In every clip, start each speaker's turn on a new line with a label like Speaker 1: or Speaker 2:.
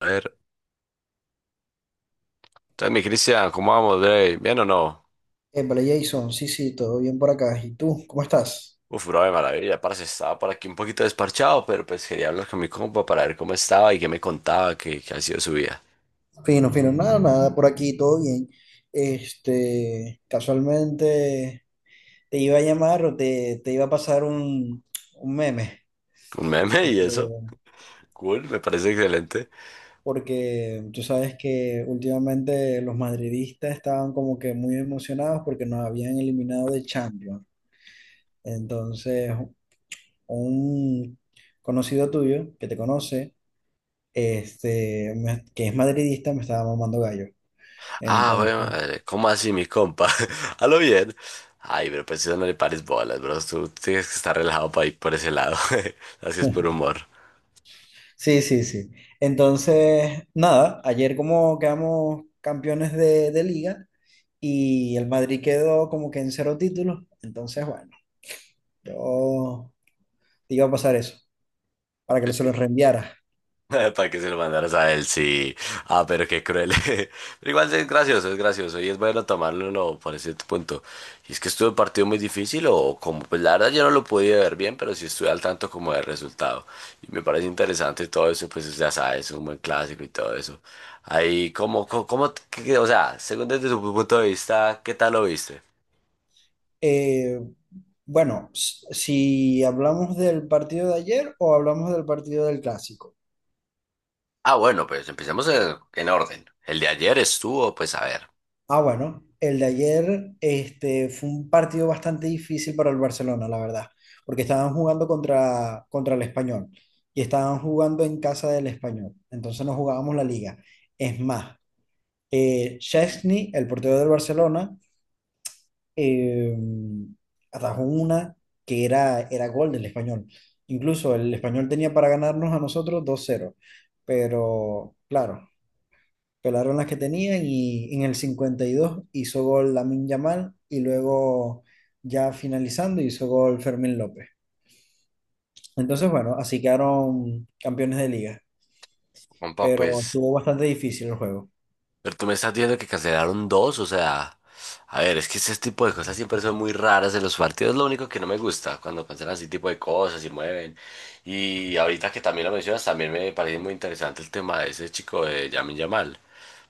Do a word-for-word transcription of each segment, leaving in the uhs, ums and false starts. Speaker 1: A ver, entonces mi Cristian, ¿cómo vamos, Dre? ¿Bien o no?
Speaker 2: Épale, Jason, sí, sí, todo bien por acá. ¿Y tú, cómo estás?
Speaker 1: Uf, bro, de maravilla, parce, estaba por aquí un poquito desparchado, pero pues quería hablar con mi compa para ver cómo estaba y qué me contaba, qué, qué ha sido su vida.
Speaker 2: Fino, fino, nada, nada, por aquí, todo bien. Este, casualmente te iba a llamar o te, te iba a pasar un, un meme,
Speaker 1: Un meme y
Speaker 2: este,
Speaker 1: eso, cool, me parece excelente.
Speaker 2: porque tú sabes que últimamente los madridistas estaban como que muy emocionados porque nos habían eliminado de Champions. Entonces, un conocido tuyo que te conoce, este, me- que es madridista, me estaba mamando gallo.
Speaker 1: Ah, güey,
Speaker 2: Entonces,
Speaker 1: madre, ¿cómo así, mi compa? A lo bien. Ay, pero pues eso no le pares bolas, bro, tú tienes que estar relajado para ir por ese lado, así es por humor.
Speaker 2: sí, sí, sí. Entonces, nada, ayer como quedamos campeones de, de liga, y el Madrid quedó como que en cero títulos. Entonces, bueno, yo te iba a pasar eso para que se lo reenviara.
Speaker 1: Para que se lo mandaras a él, sí. Ah, pero qué cruel. Pero igual es gracioso, es gracioso. Y es bueno tomarlo no, por ese punto. Y es que estuvo un partido muy difícil o como, pues la verdad yo no lo pude ver bien, pero sí estuve al tanto como del resultado. Y me parece interesante todo eso, pues ya sabes, un buen clásico y todo eso. Ahí, como, como, como- qué- o sea, según desde tu punto de vista, ¿qué tal lo viste?
Speaker 2: Eh, bueno, s- si hablamos del partido de ayer o hablamos del partido del clásico.
Speaker 1: Ah, bueno, pues empecemos en, en orden. El de ayer estuvo, pues a ver,
Speaker 2: Ah, bueno, el de ayer este, fue un partido bastante difícil para el Barcelona, la verdad, porque estaban jugando contra, contra el Español, y estaban jugando en casa del Español. Entonces no jugábamos la liga. Es más, eh, Szczęsny, el portero del Barcelona, eh, atajó una que era, era gol del Español. Incluso el Español tenía para ganarnos a nosotros dos cero, pero claro, pelaron las que tenían, y en el cincuenta y dos hizo gol Lamin Yamal, y luego ya finalizando hizo gol Fermín López. Entonces, bueno, así quedaron campeones de liga,
Speaker 1: compa,
Speaker 2: pero
Speaker 1: pues.
Speaker 2: estuvo bastante difícil el juego.
Speaker 1: Pero tú me estás diciendo que cancelaron dos, o sea, a ver, es que ese tipo de cosas siempre son muy raras en los partidos, lo único que no me gusta cuando cancelan ese tipo de cosas y mueven. Y ahorita que también lo mencionas, también me parece muy interesante el tema de ese chico de Yamin Yamal,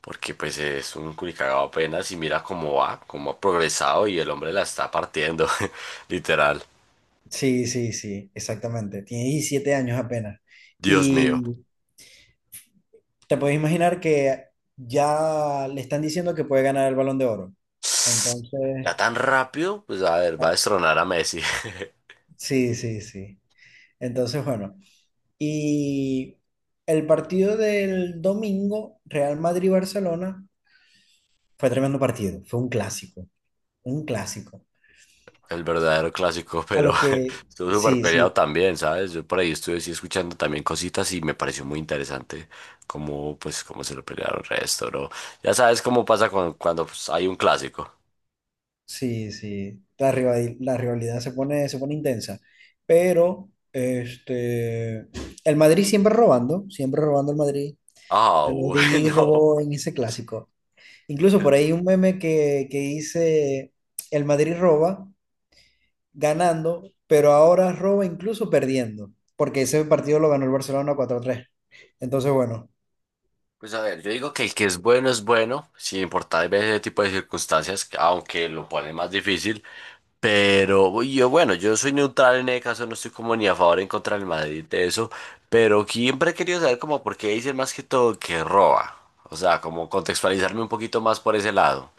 Speaker 1: porque pues es un culicagado apenas y mira cómo va, cómo ha progresado y el hombre la está partiendo, literal.
Speaker 2: Sí, sí, sí, exactamente. Tiene diecisiete años apenas.
Speaker 1: Dios mío.
Speaker 2: Y te puedes imaginar que ya le están diciendo que puede ganar el Balón de Oro.
Speaker 1: Ya
Speaker 2: Entonces,
Speaker 1: tan rápido, pues a ver, va a
Speaker 2: ah,
Speaker 1: destronar a Messi.
Speaker 2: sí, sí, sí. Entonces, bueno. Y el partido del domingo, Real Madrid-Barcelona, fue tremendo partido, fue un clásico, un clásico.
Speaker 1: El verdadero clásico,
Speaker 2: A
Speaker 1: pero
Speaker 2: lo que,
Speaker 1: estuvo súper
Speaker 2: sí,
Speaker 1: peleado
Speaker 2: sí,
Speaker 1: también, ¿sabes? Yo por ahí estuve sí, escuchando también cositas y me pareció muy interesante cómo, pues, cómo se lo pelearon el resto, ¿no? Ya sabes cómo pasa cuando, cuando pues, hay un clásico.
Speaker 2: sí, sí, la rival- la rivalidad se pone, se pone intensa, pero este, el Madrid siempre robando, siempre robando el Madrid.
Speaker 1: Ah,
Speaker 2: El Madrid
Speaker 1: bueno.
Speaker 2: robó en ese clásico. Incluso por ahí un meme que, que dice, el Madrid roba ganando, pero ahora roba incluso perdiendo, porque ese partido lo ganó el Barcelona cuatro a tres. Entonces, bueno,
Speaker 1: Pues a ver, yo digo que el que es bueno es bueno, sin importar ver ese tipo de circunstancias, aunque lo pone más difícil. Pero yo, bueno, yo soy neutral en ese caso, no estoy como ni a favor ni en contra del Madrid de eso, pero siempre he querido saber como por qué dicen más que todo que roba. O sea, como contextualizarme un poquito más por ese lado.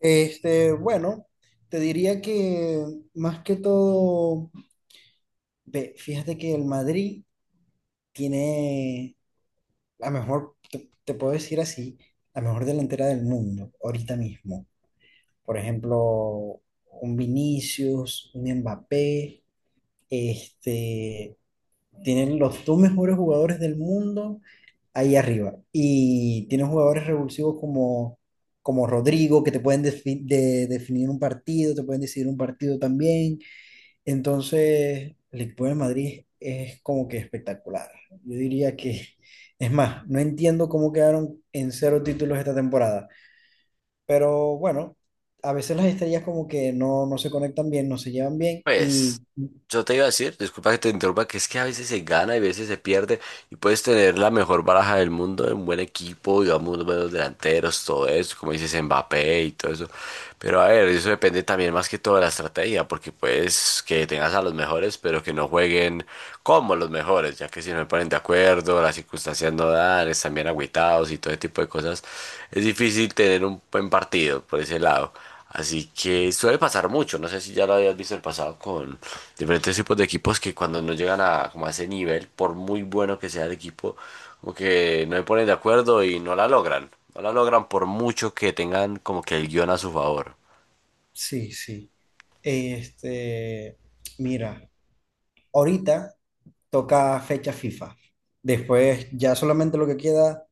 Speaker 2: este, bueno, te diría que más que todo, ve, fíjate que el Madrid tiene la mejor, te, te puedo decir así, la mejor delantera del mundo ahorita mismo. Por ejemplo, un Vinicius, un Mbappé, este, Tienen los dos mejores jugadores del mundo ahí arriba. Y tienen jugadores revulsivos como, como Rodrigo, que te pueden defi- de- definir un partido, te pueden decidir un partido también. Entonces, el equipo de Madrid es como que espectacular. Yo diría que, es más, no entiendo cómo quedaron en cero títulos esta temporada. Pero bueno, a veces las estrellas como que no, no se conectan bien, no se llevan bien.
Speaker 1: Pues,
Speaker 2: Y
Speaker 1: yo te iba a decir, disculpa que te interrumpa, que es que a veces se gana y a veces se pierde y puedes tener la mejor baraja del mundo, un buen equipo, digamos, unos buenos delanteros, todo eso, como dices, Mbappé y todo eso. Pero a ver, eso depende también más que todo de la estrategia, porque puedes que tengas a los mejores, pero que no jueguen como los mejores, ya que si no se ponen de acuerdo, las circunstancias no dan, están bien agüitados y todo ese tipo de cosas, es difícil tener un buen partido por ese lado. Así que suele pasar mucho, no sé si ya lo habías visto el pasado con diferentes tipos de equipos que cuando no llegan a, como a ese nivel, por muy bueno que sea el equipo, como que no se ponen de acuerdo y no la logran. No la logran por mucho que tengan como que el guión a su favor.
Speaker 2: sí, sí. Este, mira. Ahorita toca fecha FIFA. Después ya solamente lo que queda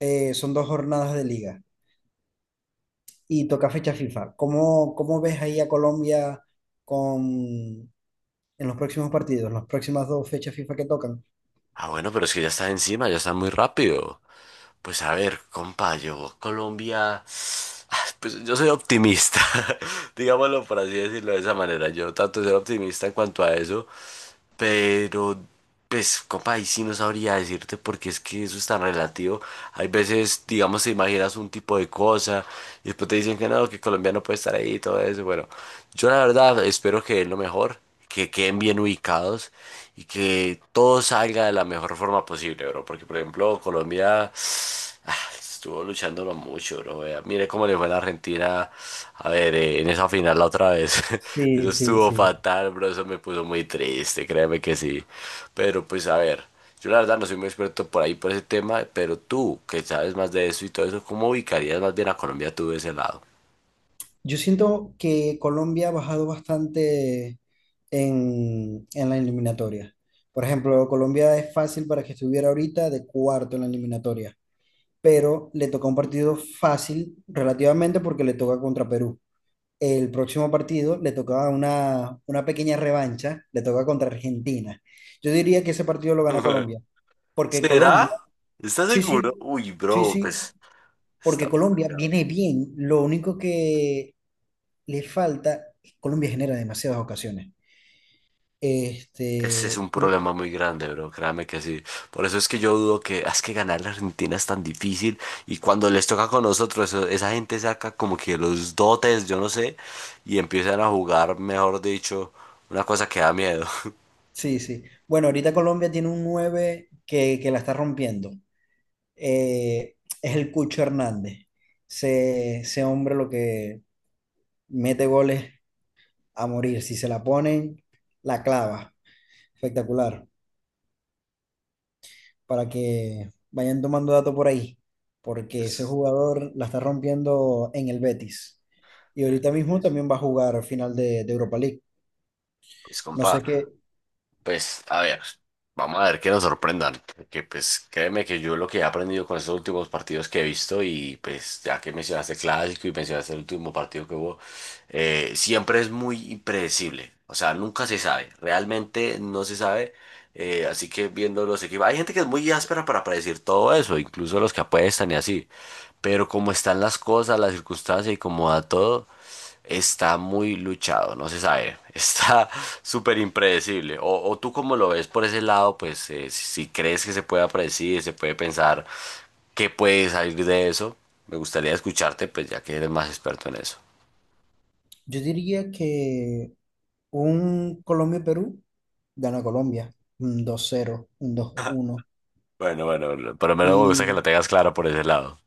Speaker 2: eh, son dos jornadas de liga y toca fecha FIFA. ¿Cómo, cómo ves ahí a Colombia con, en los próximos partidos, en las próximas dos fechas FIFA que tocan?
Speaker 1: Ah, bueno, pero es que ya están encima, ya están muy rápido. Pues a ver, compa, yo, Colombia. Ah, pues yo soy optimista, digámoslo por así decirlo de esa manera. Yo trato de ser optimista en cuanto a eso. Pero, pues, compa, ahí sí no sabría decirte porque es que eso es tan relativo. Hay veces, digamos, te imaginas un tipo de cosa y después te dicen que no, que Colombia no puede estar ahí y todo eso. Bueno, yo la verdad espero que es lo mejor, que queden bien ubicados y que todo salga de la mejor forma posible, bro. Porque, por ejemplo, Colombia, estuvo luchándolo mucho, bro. Vea. Mire cómo le fue a la Argentina. A ver, eh, en esa final la otra vez. Eso
Speaker 2: Sí, sí,
Speaker 1: estuvo
Speaker 2: sí.
Speaker 1: fatal, bro. Eso me puso muy triste, créeme que sí. Pero pues a ver, yo la verdad no soy muy experto por ahí, por ese tema. Pero tú, que sabes más de eso y todo eso, ¿cómo ubicarías más bien a Colombia tú de ese lado?
Speaker 2: Yo siento que Colombia ha bajado bastante en, en la eliminatoria. Por ejemplo, Colombia es fácil para que estuviera ahorita de cuarto en la eliminatoria, pero le toca un partido fácil relativamente porque le toca contra Perú. El próximo partido le toca una, una pequeña revancha, le toca contra Argentina. Yo diría que ese partido lo gana Colombia, porque Colombia,
Speaker 1: ¿Será? ¿Estás
Speaker 2: sí, sí,
Speaker 1: seguro? Uy,
Speaker 2: sí,
Speaker 1: bro,
Speaker 2: sí,
Speaker 1: pues
Speaker 2: porque
Speaker 1: está bien.
Speaker 2: Colombia viene bien. Lo único que le falta, Colombia genera demasiadas ocasiones.
Speaker 1: Ese es
Speaker 2: Este,
Speaker 1: un problema muy grande, bro, créame que sí. Por eso es que yo dudo que, "Ah, es que ganar la Argentina es tan difícil y cuando les toca con nosotros, eso- esa gente saca como que los dotes, yo no sé, y empiezan a jugar, mejor dicho, una cosa que da miedo".
Speaker 2: sí, sí. Bueno, ahorita Colombia tiene un nueve que, que la está rompiendo. eh, es el Cucho Hernández. Ese, ese hombre lo que mete goles a morir. Si se la ponen, la clava. Espectacular. Para que vayan tomando datos por ahí. Porque ese
Speaker 1: Pues,
Speaker 2: jugador la está rompiendo en el Betis. Y
Speaker 1: eh,
Speaker 2: ahorita mismo también va a jugar final de, de Europa League.
Speaker 1: pues,
Speaker 2: No sé
Speaker 1: compa.
Speaker 2: qué.
Speaker 1: Pues, a ver, vamos a ver que nos sorprendan, porque pues créeme que yo lo que he aprendido con estos últimos partidos que he visto y pues ya que mencionaste el clásico y mencionaste el último partido que hubo, eh, siempre es muy impredecible, o sea, nunca se sabe, realmente no se sabe, eh, así que viendo los equipos, hay gente que es muy áspera para predecir todo eso, incluso los que apuestan y así, pero como están las cosas, las circunstancias y como da todo. Está muy luchado, no se sabe. Está súper impredecible. O, o tú como lo ves por ese lado, pues eh, si, si crees que se pueda predecir, se puede pensar qué puede salir de eso, me gustaría escucharte, pues ya que eres más experto en eso.
Speaker 2: Yo diría que un Colombia-Perú gana Colombia. Un dos cero, un dos uno.
Speaker 1: Bueno, bueno, por lo menos me gusta que
Speaker 2: y
Speaker 1: lo tengas claro por ese lado.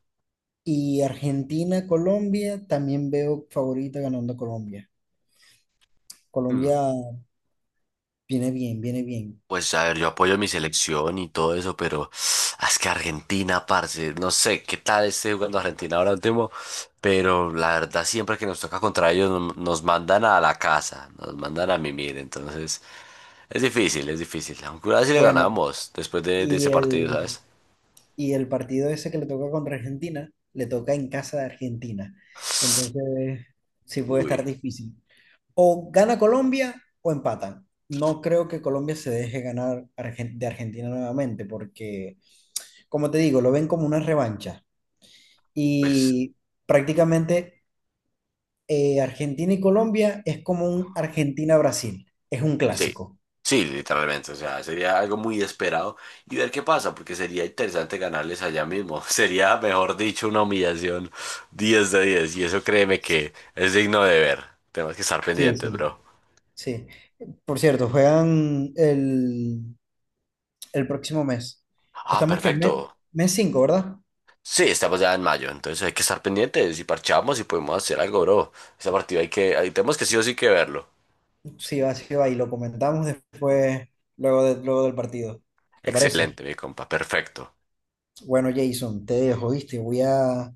Speaker 2: Y Argentina, Colombia, también veo favorita ganando Colombia.
Speaker 1: Mm.
Speaker 2: Colombia viene bien, viene bien.
Speaker 1: Pues a ver, yo apoyo mi selección y todo eso, pero ah, es que Argentina, parce, no sé qué tal esté jugando Argentina ahora último, pero la verdad siempre que nos toca contra ellos no- nos mandan a la casa, nos mandan a mimir, entonces es difícil, es difícil. Aunque una vez sí le
Speaker 2: Bueno,
Speaker 1: ganamos después de, de
Speaker 2: y
Speaker 1: ese partido, ¿sabes?
Speaker 2: el, y el partido ese que le toca contra Argentina, le toca en casa de Argentina. Entonces, sí puede estar
Speaker 1: Uy,
Speaker 2: difícil. O gana Colombia o empatan. No creo que Colombia se deje ganar Argen- de Argentina nuevamente, porque, como te digo, lo ven como una revancha.
Speaker 1: pues
Speaker 2: Y prácticamente eh, Argentina y Colombia es como un Argentina-Brasil. Es un
Speaker 1: sí,
Speaker 2: clásico.
Speaker 1: sí, literalmente, o sea, sería algo muy esperado y ver qué pasa, porque sería interesante ganarles allá mismo, sería, mejor dicho, una humillación diez de diez. Y eso créeme que es digno de ver, tenemos que estar
Speaker 2: Sí,
Speaker 1: pendientes,
Speaker 2: sí,
Speaker 1: bro.
Speaker 2: sí. Por cierto, juegan el, el próximo mes.
Speaker 1: Ah,
Speaker 2: Estamos que en
Speaker 1: perfecto.
Speaker 2: mes, mes cinco, ¿verdad?
Speaker 1: Sí, estamos ya en mayo, entonces hay que estar pendientes y parchamos y podemos hacer algo, bro. Ese partido hay que, ahí tenemos que sí o sí que verlo.
Speaker 2: Sí, va, sí, va. Y lo comentamos después, luego, de- luego del partido. ¿Te parece?
Speaker 1: Excelente, mi compa, perfecto.
Speaker 2: Bueno, Jason, te dejo, ¿viste? Voy a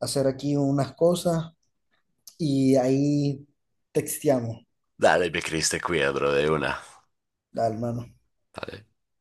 Speaker 2: hacer aquí unas cosas y ahí texteamos.
Speaker 1: Dale, mi Cris, te cuida, bro, de una.
Speaker 2: Dale, hermano.
Speaker 1: Dale.